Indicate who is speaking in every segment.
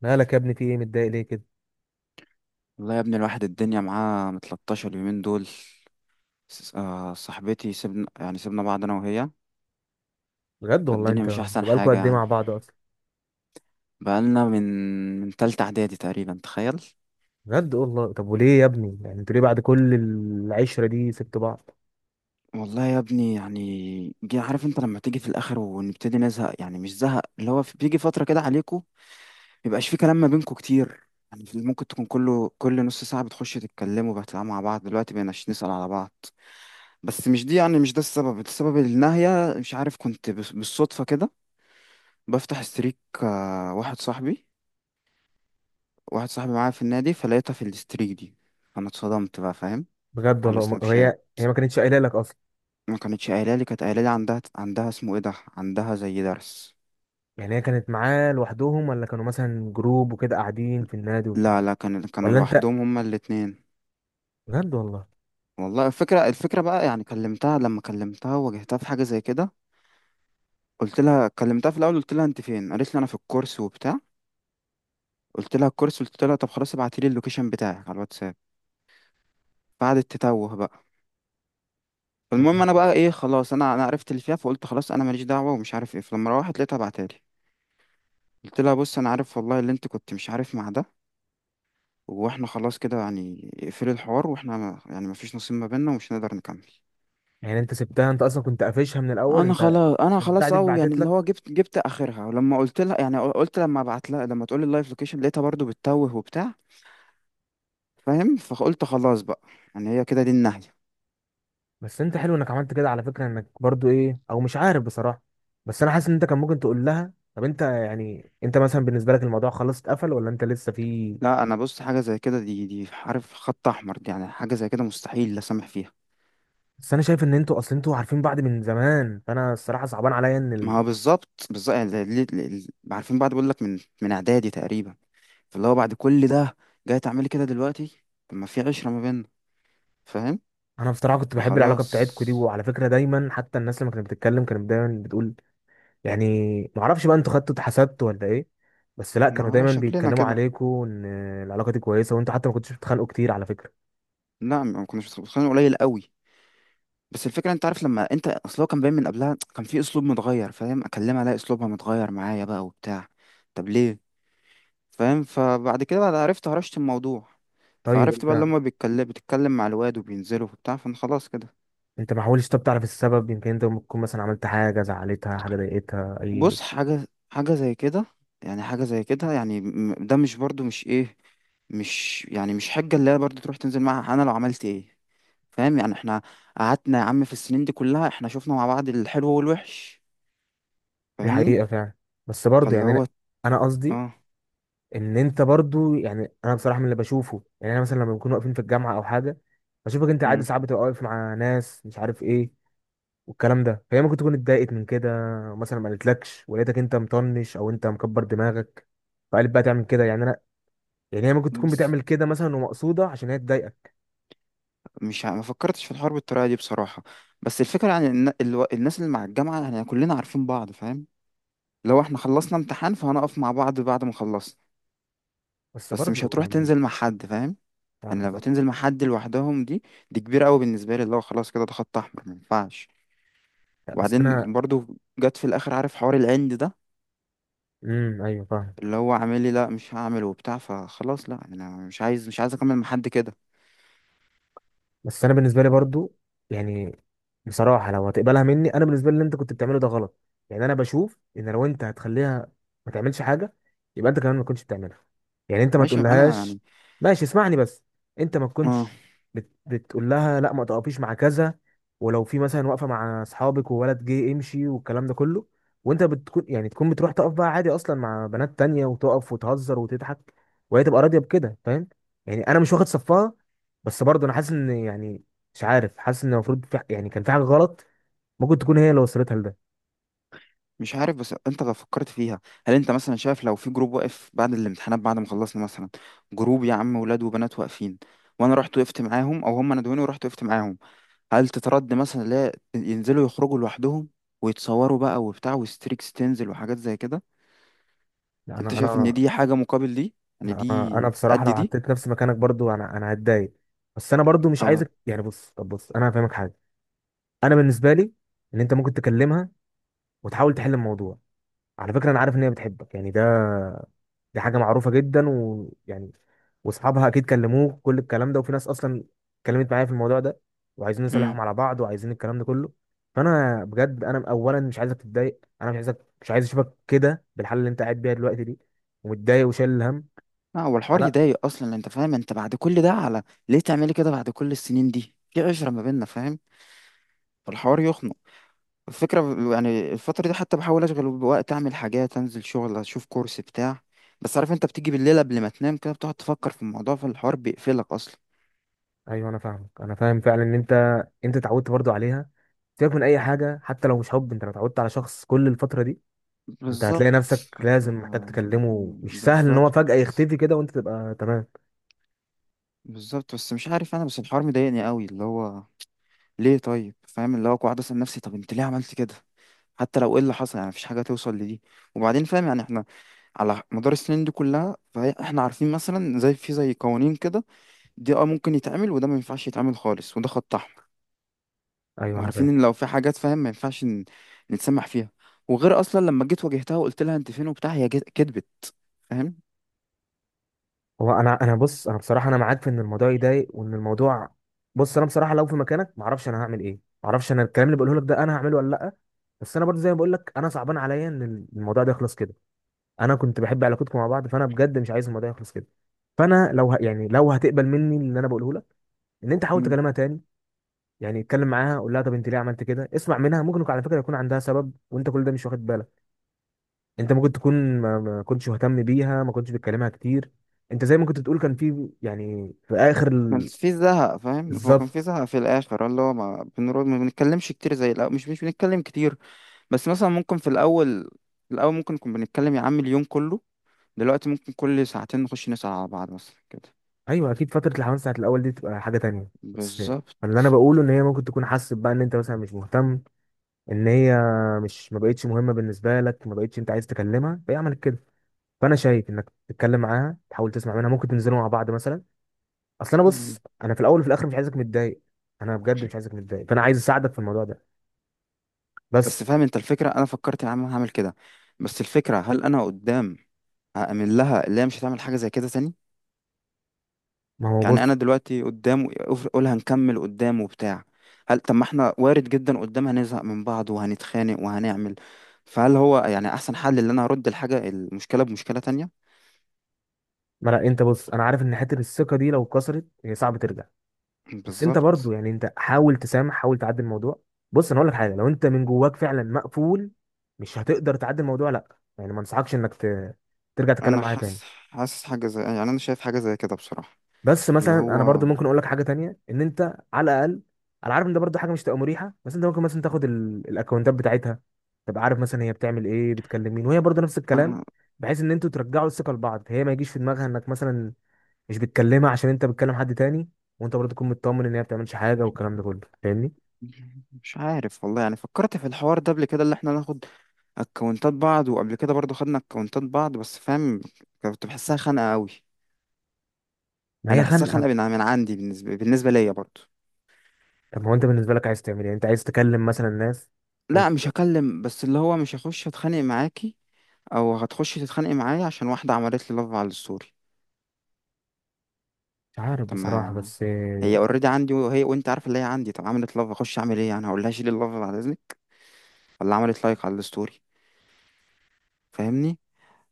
Speaker 1: مالك يا ابني؟ في ايه متضايق ليه كده؟
Speaker 2: والله يا ابني، الواحد الدنيا معاه متلطشة اليومين دول. صاحبتي، سيبنا بعض أنا وهي.
Speaker 1: بجد والله
Speaker 2: فالدنيا
Speaker 1: انت،
Speaker 2: مش أحسن
Speaker 1: انتوا بقالكوا
Speaker 2: حاجة
Speaker 1: قد ايه مع
Speaker 2: يعني.
Speaker 1: بعض اصلا؟
Speaker 2: بقالنا من تالتة إعدادي تقريبا، تخيل.
Speaker 1: بجد والله. طب وليه يا ابني؟ انتوا ليه بعد كل العشره دي سبتوا بعض؟
Speaker 2: والله يا ابني يعني، جي عارف انت لما تيجي في الآخر ونبتدي نزهق، يعني مش زهق اللي هو بيجي فترة كده عليكم. ميبقاش في كلام ما بينكم كتير، يعني ممكن تكون كله، كل نص ساعة بتخشوا تتكلموا بتلعبوا مع بعض، دلوقتي بقيناش نسأل على بعض. بس مش دي، يعني مش ده السبب، السبب النهاية مش عارف، كنت بالصدفة كده بفتح ستريك، واحد صاحبي، واحد صاحبي معايا في النادي، فلقيتها في الستريك دي. فانا اتصدمت بقى، فاهم؟
Speaker 1: بجد
Speaker 2: على
Speaker 1: والله.
Speaker 2: السناب شات.
Speaker 1: هي ما كانتش قايله لك اصلا؟
Speaker 2: ما كانتش قايله لي، كانت قايله لي عندها اسمه ايه ده، عندها زي درس.
Speaker 1: يعني هي كانت معاه لوحدهم، ولا كانوا مثلا جروب وكده قاعدين في النادي وبتاع؟
Speaker 2: لا لا، كانوا
Speaker 1: ولا انت؟
Speaker 2: لوحدهم هما الاتنين.
Speaker 1: بجد والله.
Speaker 2: والله الفكره، الفكره بقى يعني كلمتها، لما كلمتها واجهتها في حاجه زي كده. قلت لها كلمتها في الاول، قلت لها انت فين؟ قالت لي انا في الكورس وبتاع. قلت لها الكورس؟ قلت لها طب خلاص، ابعتي لي اللوكيشن بتاعك على الواتساب. قعدت تتوه بقى.
Speaker 1: طب
Speaker 2: فالمهم انا بقى ايه، خلاص انا عرفت اللي فيها، فقلت خلاص انا ماليش دعوه ومش عارف ايه. فلما روحت لقيتها بعتالي. قلت لها بص، انا عارف والله اللي انت كنت مش عارف مع ده، واحنا خلاص كده يعني، اقفلي الحوار، واحنا ما- يعني مفيش نصيب ما بيننا ومش هنقدر نكمل.
Speaker 1: انت سبتها؟ انت اصلا كنت قافشها من الاول
Speaker 2: انا
Speaker 1: انت؟
Speaker 2: خلاص انا
Speaker 1: البتاع
Speaker 2: خلاص
Speaker 1: دي
Speaker 2: او يعني
Speaker 1: اتبعتت
Speaker 2: اللي
Speaker 1: لك؟
Speaker 2: هو، جبت اخرها. ولما قلت لها يعني، قلت لما ابعت لها، لما تقول لي اللايف لوكيشن، لقيتها برضو بتتوه وبتاع، فاهم؟ فقلت خلاص بقى، يعني هي كده دي النهايه.
Speaker 1: بس انت حلو انك عملت كده على فكره، انك برضو ايه او مش عارف بصراحه. بس انا حاسس ان انت كان ممكن تقول لها طب انت انت مثلا بالنسبه لك الموضوع خلاص اتقفل ولا انت لسه في؟
Speaker 2: لا انا بص، حاجه زي كده، دي عارف خط احمر، دي يعني حاجه زي كده مستحيل لا سامح فيها.
Speaker 1: بس انا شايف ان انتوا اصلا انتوا عارفين بعض من زمان، فانا الصراحه صعبان عليا ان
Speaker 2: ما
Speaker 1: ال...
Speaker 2: هو بالظبط بالظبط، يعني عارفين بعض بقول لك من اعدادي تقريبا، فاللي هو بعد كل ده جاي تعملي كده دلوقتي؟ طب ما في عشرة ما بيننا، فاهم؟
Speaker 1: انا بصراحه كنت بحب العلاقه
Speaker 2: فخلاص.
Speaker 1: بتاعتكوا دي، وعلى فكره دايما حتى الناس لما كانت بتتكلم كانت دايما بتقول. يعني ما اعرفش بقى، انتوا خدتوا اتحسدتوا ولا ايه؟ بس لا،
Speaker 2: ما
Speaker 1: كانوا
Speaker 2: اعرف
Speaker 1: دايما
Speaker 2: شكلنا
Speaker 1: بيتكلموا
Speaker 2: كده.
Speaker 1: عليكوا ان العلاقه دي كويسه، وانتوا حتى ما كنتوش بتتخانقوا كتير على فكره.
Speaker 2: لا ما كناش متخيلين، قليل قوي. بس الفكره، انت عارف لما انت اصل هو كان باين من قبلها، كان في اسلوب متغير، فاهم؟ اكلمها الاقي اسلوبها متغير معايا بقى وبتاع. طب ليه؟ فاهم؟ فبعد كده، بعد عرفت، هرشت الموضوع.
Speaker 1: طيب
Speaker 2: فعرفت بقى،
Speaker 1: انت،
Speaker 2: لما بيتكلم بتتكلم مع الواد وبينزلوا وبتاع، فانا خلاص كده.
Speaker 1: انت ما حاولتش طب تعرف السبب؟ يمكن انت ممكن تكون مثلا عملت حاجه زعلتها، حاجه ضايقتها، اي.
Speaker 2: بص، حاجة زي كده يعني، حاجة زي كده يعني، ده مش برضو مش ايه، مش يعني مش حجة اللي هي برضو تروح تنزل معاها، انا لو عملت ايه؟ فاهم؟ يعني احنا قعدنا يا عم في السنين دي كلها، احنا شفنا مع بعض الحلو والوحش،
Speaker 1: دي
Speaker 2: فاهمني؟
Speaker 1: حقيقه فعلا، بس برضه
Speaker 2: فاللي
Speaker 1: يعني انا
Speaker 2: هو
Speaker 1: انا قصدي
Speaker 2: اه.
Speaker 1: ان انت برضه، انا بصراحه من اللي بشوفه، يعني انا مثلا لما بنكون واقفين في الجامعه او حاجه، بشوفك انت عادي
Speaker 2: امم
Speaker 1: ساعات بتبقى واقف مع ناس مش عارف ايه والكلام ده، فهي ممكن تكون اتضايقت من كده. مثلا ما قالتلكش ولقيتك انت مطنش او انت مكبر دماغك، فقالت بقى تعمل كده. يعني انا يعني هي ممكن تكون
Speaker 2: بس
Speaker 1: بتعمل كده مثلا ومقصوده عشان هي تضايقك.
Speaker 2: مش ع- ما فكرتش في الحوار بالطريقة دي بصراحة. بس الفكرة يعني الناس اللي مع الجامعة، يعني كلنا عارفين بعض، فاهم؟ لو احنا خلصنا امتحان فهنقف مع بعض بعد ما خلصنا.
Speaker 1: بس
Speaker 2: بس مش
Speaker 1: برضه
Speaker 2: هتروح تنزل مع حد، فاهم؟
Speaker 1: مش عارف
Speaker 2: انا لما
Speaker 1: بصراحه.
Speaker 2: تنزل مع حد لوحدهم دي، كبيره قوي بالنسبه لي، اللي هو خلاص كده، ده خط احمر، ما ينفعش.
Speaker 1: لا، بس انا.
Speaker 2: وبعدين برضو، جت في الاخر عارف حوار العند ده،
Speaker 1: امم، ايوه فاهم.
Speaker 2: اللي هو عامل لي لا مش هعمل وبتاع، فخلاص، لا انا مش عايز، مش عايز اكمل مع حد كده.
Speaker 1: بس انا بالنسبه لي برضو، يعني بصراحه لو هتقبلها مني، انا بالنسبه لي اللي انت كنت بتعمله ده غلط. يعني انا بشوف ان لو انت هتخليها ما تعملش حاجه، يبقى انت كمان ما كنتش بتعملها. يعني انت ما
Speaker 2: ماشي انا
Speaker 1: تقولهاش.
Speaker 2: يعني.
Speaker 1: ماشي اسمعني بس. انت ما
Speaker 2: اه.
Speaker 1: تكونش بتقول لها لا ما تقفيش مع كذا، ولو في مثلا واقفه مع اصحابك وولد جه امشي والكلام ده كله، وانت بتكون تكون بتروح تقف بقى عادي اصلا مع بنات تانية وتقف وتهزر وتضحك، وهي تبقى راضيه بكده. فاهم؟ يعني انا مش واخد صفها، بس برضه انا حاسس ان، مش عارف، حاسس ان المفروض في، يعني كان في حاجه غلط ممكن تكون هي اللي وصلتها لده.
Speaker 2: مش عارف، بس انت لو فكرت فيها، هل انت مثلا شايف لو في جروب واقف بعد الامتحانات، بعد ما خلصنا مثلا، جروب يا عم، ولاد وبنات واقفين، وانا رحت وقفت معاهم او هم ندوني ورحت وقفت معاهم، هل تترد مثلا لا ينزلوا يخرجوا لوحدهم ويتصوروا بقى وبتاع، وستريكس تنزل وحاجات زي كده؟
Speaker 1: لا انا
Speaker 2: انت شايف ان
Speaker 1: انا
Speaker 2: دي حاجة مقابل دي؟ يعني
Speaker 1: لا، انا
Speaker 2: دي قد
Speaker 1: بصراحه لو
Speaker 2: دي؟
Speaker 1: حطيت نفسي مكانك برضه انا هتضايق. بس انا برضه مش
Speaker 2: او.
Speaker 1: عايزك، يعني بص، طب بص انا هفهمك حاجه. انا بالنسبه لي، ان انت ممكن تكلمها وتحاول تحل الموضوع. على فكره انا عارف ان هي بتحبك، يعني ده، دي حاجة معروفة جدا، ويعني واصحابها اكيد كلموه كل الكلام ده، وفي ناس اصلا اتكلمت معايا في الموضوع ده، وعايزين
Speaker 2: امم
Speaker 1: نصالحهم على بعض، وعايزين الكلام ده كله. فانا بجد انا اولا مش عايزك تتضايق، انا مش عايزك، مش عايز اشوفك كده بالحالة اللي انت قاعد بيها دلوقتي دي، ومتضايق وشايل الهم.
Speaker 2: لا، هو الحوار
Speaker 1: لا.
Speaker 2: يضايق اصلا، انت فاهم انت بعد كل ده، على ليه تعملي كده بعد كل السنين دي، في عشرة ما بيننا، فاهم؟ فالحوار يخنق. الفكرة ب- يعني الفترة دي حتى بحاول اشغل بوقت، اعمل حاجات، انزل شغل، اشوف كورس بتاع. بس عارف انت بتيجي بالليل قبل ما تنام كده بتقعد تفكر في الموضوع، فالحوار بيقفلك اصلا.
Speaker 1: ايوه انا فاهمك، انا فاهم فعلا ان انت، انت اتعودت برضو عليها. سيبك من اي حاجة، حتى لو مش حب، انت لو اتعودت على شخص كل الفترة دي، انت هتلاقي
Speaker 2: بالظبط.
Speaker 1: نفسك لازم محتاج
Speaker 2: آه،
Speaker 1: تكلمه. مش سهل ان هو
Speaker 2: بالظبط
Speaker 1: فجأة يختفي كده وانت تبقى تمام.
Speaker 2: بالظبط. بس مش عارف انا، بس الحوار مضايقني قوي اللي هو، ليه؟ طيب فاهم، اللي هو قاعد اسال نفسي، طب انت ليه عملت كده؟ حتى لو ايه اللي حصل، يعني مفيش حاجه توصل لدي. وبعدين فاهم يعني احنا على مدار السنين دي كلها، فاحنا عارفين مثلا، زي في زي قوانين كده، دي اه ممكن يتعمل، وده ما ينفعش يتعمل خالص، وده خط احمر.
Speaker 1: ايوه انا
Speaker 2: وعارفين
Speaker 1: فاهم.
Speaker 2: ان لو في حاجات فاهم ما ينفعش نتسمح فيها. وغير اصلا لما جيت واجهتها وقلت لها انت فين وبتاع، كدبت، فاهم؟
Speaker 1: هو انا انا بص انا بصراحه انا معاك في ان الموضوع يضايق وان الموضوع، بص انا بصراحه لو في مكانك ما اعرفش انا هعمل ايه، ما اعرفش انا الكلام اللي بقوله لك ده انا هعمله ولا لا. بس انا برضه زي ما بقول لك، انا صعبان عليا ان الموضوع ده يخلص كده. انا كنت بحب علاقتكم مع بعض، فانا بجد مش عايز الموضوع يخلص كده. فانا لو يعني لو هتقبل مني اللي انا بقوله لك، ان انت حاول تكلمها تاني. يعني اتكلم معاها، قول لها طب انت ليه عملت كده، اسمع منها. ممكن على فكره يكون عندها سبب وانت كل ده مش واخد بالك. انت ممكن تكون ما كنتش مهتم بيها، ما كنتش بتكلمها كتير. انت زي ما كنت بتقول كان في، يعني في اخر
Speaker 2: كان في زهق فاهم، هو كان في
Speaker 1: بالظبط.
Speaker 2: زهق في الاخر، اللي هو ما بنرد، ما بنتكلمش كتير زي الاول، مش بنتكلم كتير. بس مثلا ممكن في الاول، ممكن نكون بنتكلم يا عم اليوم كله، دلوقتي ممكن كل ساعتين نخش نسأل على بعض مثلا كده.
Speaker 1: ايوه اكيد، فتره الحمام ساعه الاول دي تبقى حاجه تانية. بس
Speaker 2: بالظبط.
Speaker 1: اللي انا بقوله ان هي ممكن تكون حاسس بقى ان انت مثلا مش مهتم، ان هي مش، ما بقتش مهمه بالنسبه لك، ما بقتش انت عايز تكلمها، فهي عملت كده. فانا شايف انك تتكلم معاها، تحاول تسمع منها، ممكن تنزلوا مع بعض مثلا. اصل انا بص،
Speaker 2: مم.
Speaker 1: انا في الاول وفي الاخر مش عايزك متضايق. انا بجد مش عايزك متضايق، فانا عايز اساعدك في الموضوع ده.
Speaker 2: بس
Speaker 1: بس.
Speaker 2: فاهم انت الفكرة، انا فكرت يا عم هعمل كده، بس الفكرة هل انا قدام هأمن لها اللي هي مش هتعمل حاجة زي كده تاني؟
Speaker 1: ما هو
Speaker 2: يعني انا
Speaker 1: بص،
Speaker 2: دلوقتي قدام اقول هنكمل قدام وبتاع، هل طب ما احنا وارد جدا قدام هنزهق من بعض وهنتخانق وهنعمل، فهل هو يعني احسن حل ان انا هرد الحاجه المشكله بمشكله تانية؟
Speaker 1: ما لا انت بص، انا عارف ان حته الثقه دي لو اتكسرت هي صعب ترجع. بس انت برضو
Speaker 2: بالظبط.
Speaker 1: انت حاول تسامح، حاول تعدي الموضوع. بص انا اقول لك حاجه، لو انت من جواك فعلا مقفول مش هتقدر تعدي الموضوع، لا يعني ما انصحكش انك ترجع تتكلم
Speaker 2: انا
Speaker 1: معايا تاني.
Speaker 2: حاسس، حاجه زي يعني انا شايف حاجه زي كده بصراحه،
Speaker 1: بس
Speaker 2: اللي
Speaker 1: مثلا
Speaker 2: هو
Speaker 1: انا برضو ممكن اقول لك حاجه تانية، ان انت على الاقل، انا عارف ان ده برضو حاجه مش تبقى مريحه، بس انت ممكن مثلا تاخد ال... الاكونتات بتاعتها، تبقى عارف مثلا هي بتعمل ايه، بتكلم مين، وهي برضو نفس الكلام،
Speaker 2: أنا.
Speaker 1: بحيث ان انتوا ترجعوا الثقه لبعض. هي ما يجيش في دماغها انك مثلا مش بتكلمها عشان انت بتكلم حد تاني، وانت برضه تكون مطمن ان هي ما بتعملش حاجه والكلام ده كله. فاهمني؟
Speaker 2: مش عارف والله، يعني فكرت في الحوار ده قبل كده، اللي احنا ناخد اكونتات بعض، وقبل كده برضو خدنا اكونتات بعض بس فاهم، كنت بحسها خانقه قوي.
Speaker 1: ما
Speaker 2: يعني
Speaker 1: هي
Speaker 2: بحسها
Speaker 1: خانقه.
Speaker 2: خانقه من عندي، بالنسبه ليا برضو.
Speaker 1: طب ما هو انت بالنسبه لك عايز تعمل ايه؟ انت عايز تكلم مثلا الناس؟ وانت
Speaker 2: لا مش هكلم، بس اللي هو مش هخش اتخانق معاكي او هتخشي تتخانقي معايا عشان واحده عملت لي لاف على الستوري.
Speaker 1: مش عارف
Speaker 2: طب
Speaker 1: بصراحه،
Speaker 2: ما
Speaker 1: بس
Speaker 2: هي
Speaker 1: آه،
Speaker 2: اوريدي عندي، وهي وانت عارفه اللي هي عندي، طب عملت لاف اخش اعمل ايه، يعني هقول لها شيلي اللاف بعد اذنك، ولا عملت لايك على الستوري؟ فاهمني؟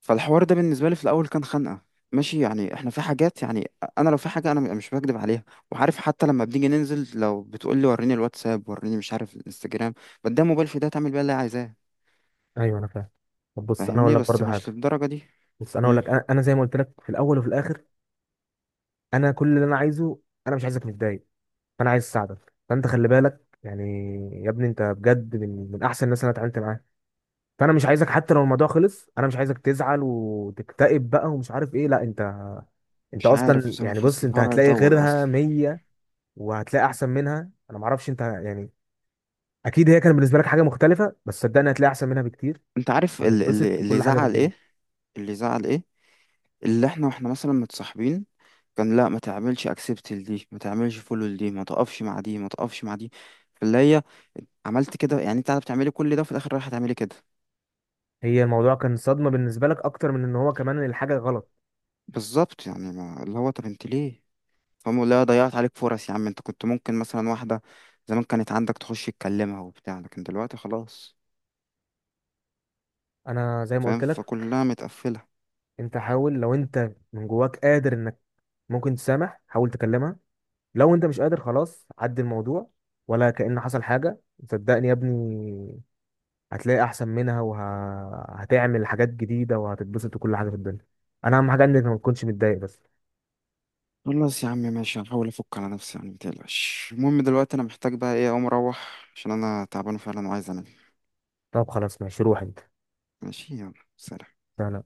Speaker 2: فالحوار ده بالنسبه لي في الاول كان خنقه. ماشي يعني احنا في حاجات يعني، انا لو في حاجه انا مش بكدب عليها، وعارف حتى لما بنيجي ننزل لو بتقول لي وريني الواتساب، وريني مش عارف الانستجرام، بديها موبايل في ده تعمل بيها اللي هي عايزاه،
Speaker 1: ايوه انا فاهم. طب بص انا اقول
Speaker 2: فاهمني؟
Speaker 1: لك
Speaker 2: بس
Speaker 1: برضه
Speaker 2: مش
Speaker 1: حاجه،
Speaker 2: للدرجه دي.
Speaker 1: بص انا اقول لك، انا زي ما قلت لك في الاول وفي الاخر، انا كل اللي انا عايزه، انا مش عايزك متضايق، فانا عايز اساعدك. فانت خلي بالك يعني، يا ابني انت بجد من احسن الناس اللي انا اتعاملت معاها. فانا مش عايزك، حتى لو الموضوع خلص، انا مش عايزك تزعل وتكتئب بقى ومش عارف ايه. لا انت، انت
Speaker 2: مش عارف
Speaker 1: اصلا
Speaker 2: بصراحة، حاسس
Speaker 1: بص انت
Speaker 2: الحوار
Speaker 1: هتلاقي
Speaker 2: هيطول أصلا.
Speaker 1: غيرها 100، وهتلاقي احسن منها. انا ما اعرفش انت يعني، اكيد هي كان بالنسبه لك حاجه مختلفه، بس صدقني هتلاقي احسن منها بكتير،
Speaker 2: أنت عارف ال-
Speaker 1: هتتبسط
Speaker 2: اللي اللي
Speaker 1: بكل حاجه في
Speaker 2: زعل
Speaker 1: الدنيا.
Speaker 2: إيه، اللي زعل إيه، اللي إحنا وإحنا مثلا متصاحبين، كان لا ما تعملش أكسبت لدي، ما تعملش فولو لدي، ما تقفش مع دي، ما تقفش مع دي، فاللي هي عملت كده، يعني أنت قاعدة بتعملي كل ده وفي الآخر رايحة تعملي كده؟
Speaker 1: هي الموضوع كان صدمه بالنسبه لك اكتر من ان هو كمان الحاجه غلط.
Speaker 2: بالظبط، يعني ما اللي هو، طب أنت ليه؟ فاهم؟ لا، ضيعت عليك فرص يا عم، أنت كنت ممكن مثلا واحدة زمان كانت عندك تخش تكلمها وبتاع، لكن دلوقتي خلاص،
Speaker 1: انا زي ما
Speaker 2: فاهم؟
Speaker 1: قلت لك،
Speaker 2: فكلها متقفلة.
Speaker 1: انت حاول، لو انت من جواك قادر انك ممكن تسامح حاول تكلمها، لو انت مش قادر خلاص عدي الموضوع ولا كأن حصل حاجه. صدقني يا ابني، هتلاقي احسن منها وهتعمل حاجات جديده وهتتبسط وكل حاجه في الدنيا. انا اهم حاجه انك ما تكونش متضايق بس.
Speaker 2: خلاص يا عم ماشي، هحاول افك على نفسي يعني، متقلقش. المهم دلوقتي انا محتاج بقى ايه، اقوم اروح، عشان انا تعبان فعلا وعايز انام.
Speaker 1: طب خلاص ماشي، روح انت.
Speaker 2: ماشي، يلا سلام.
Speaker 1: سلام.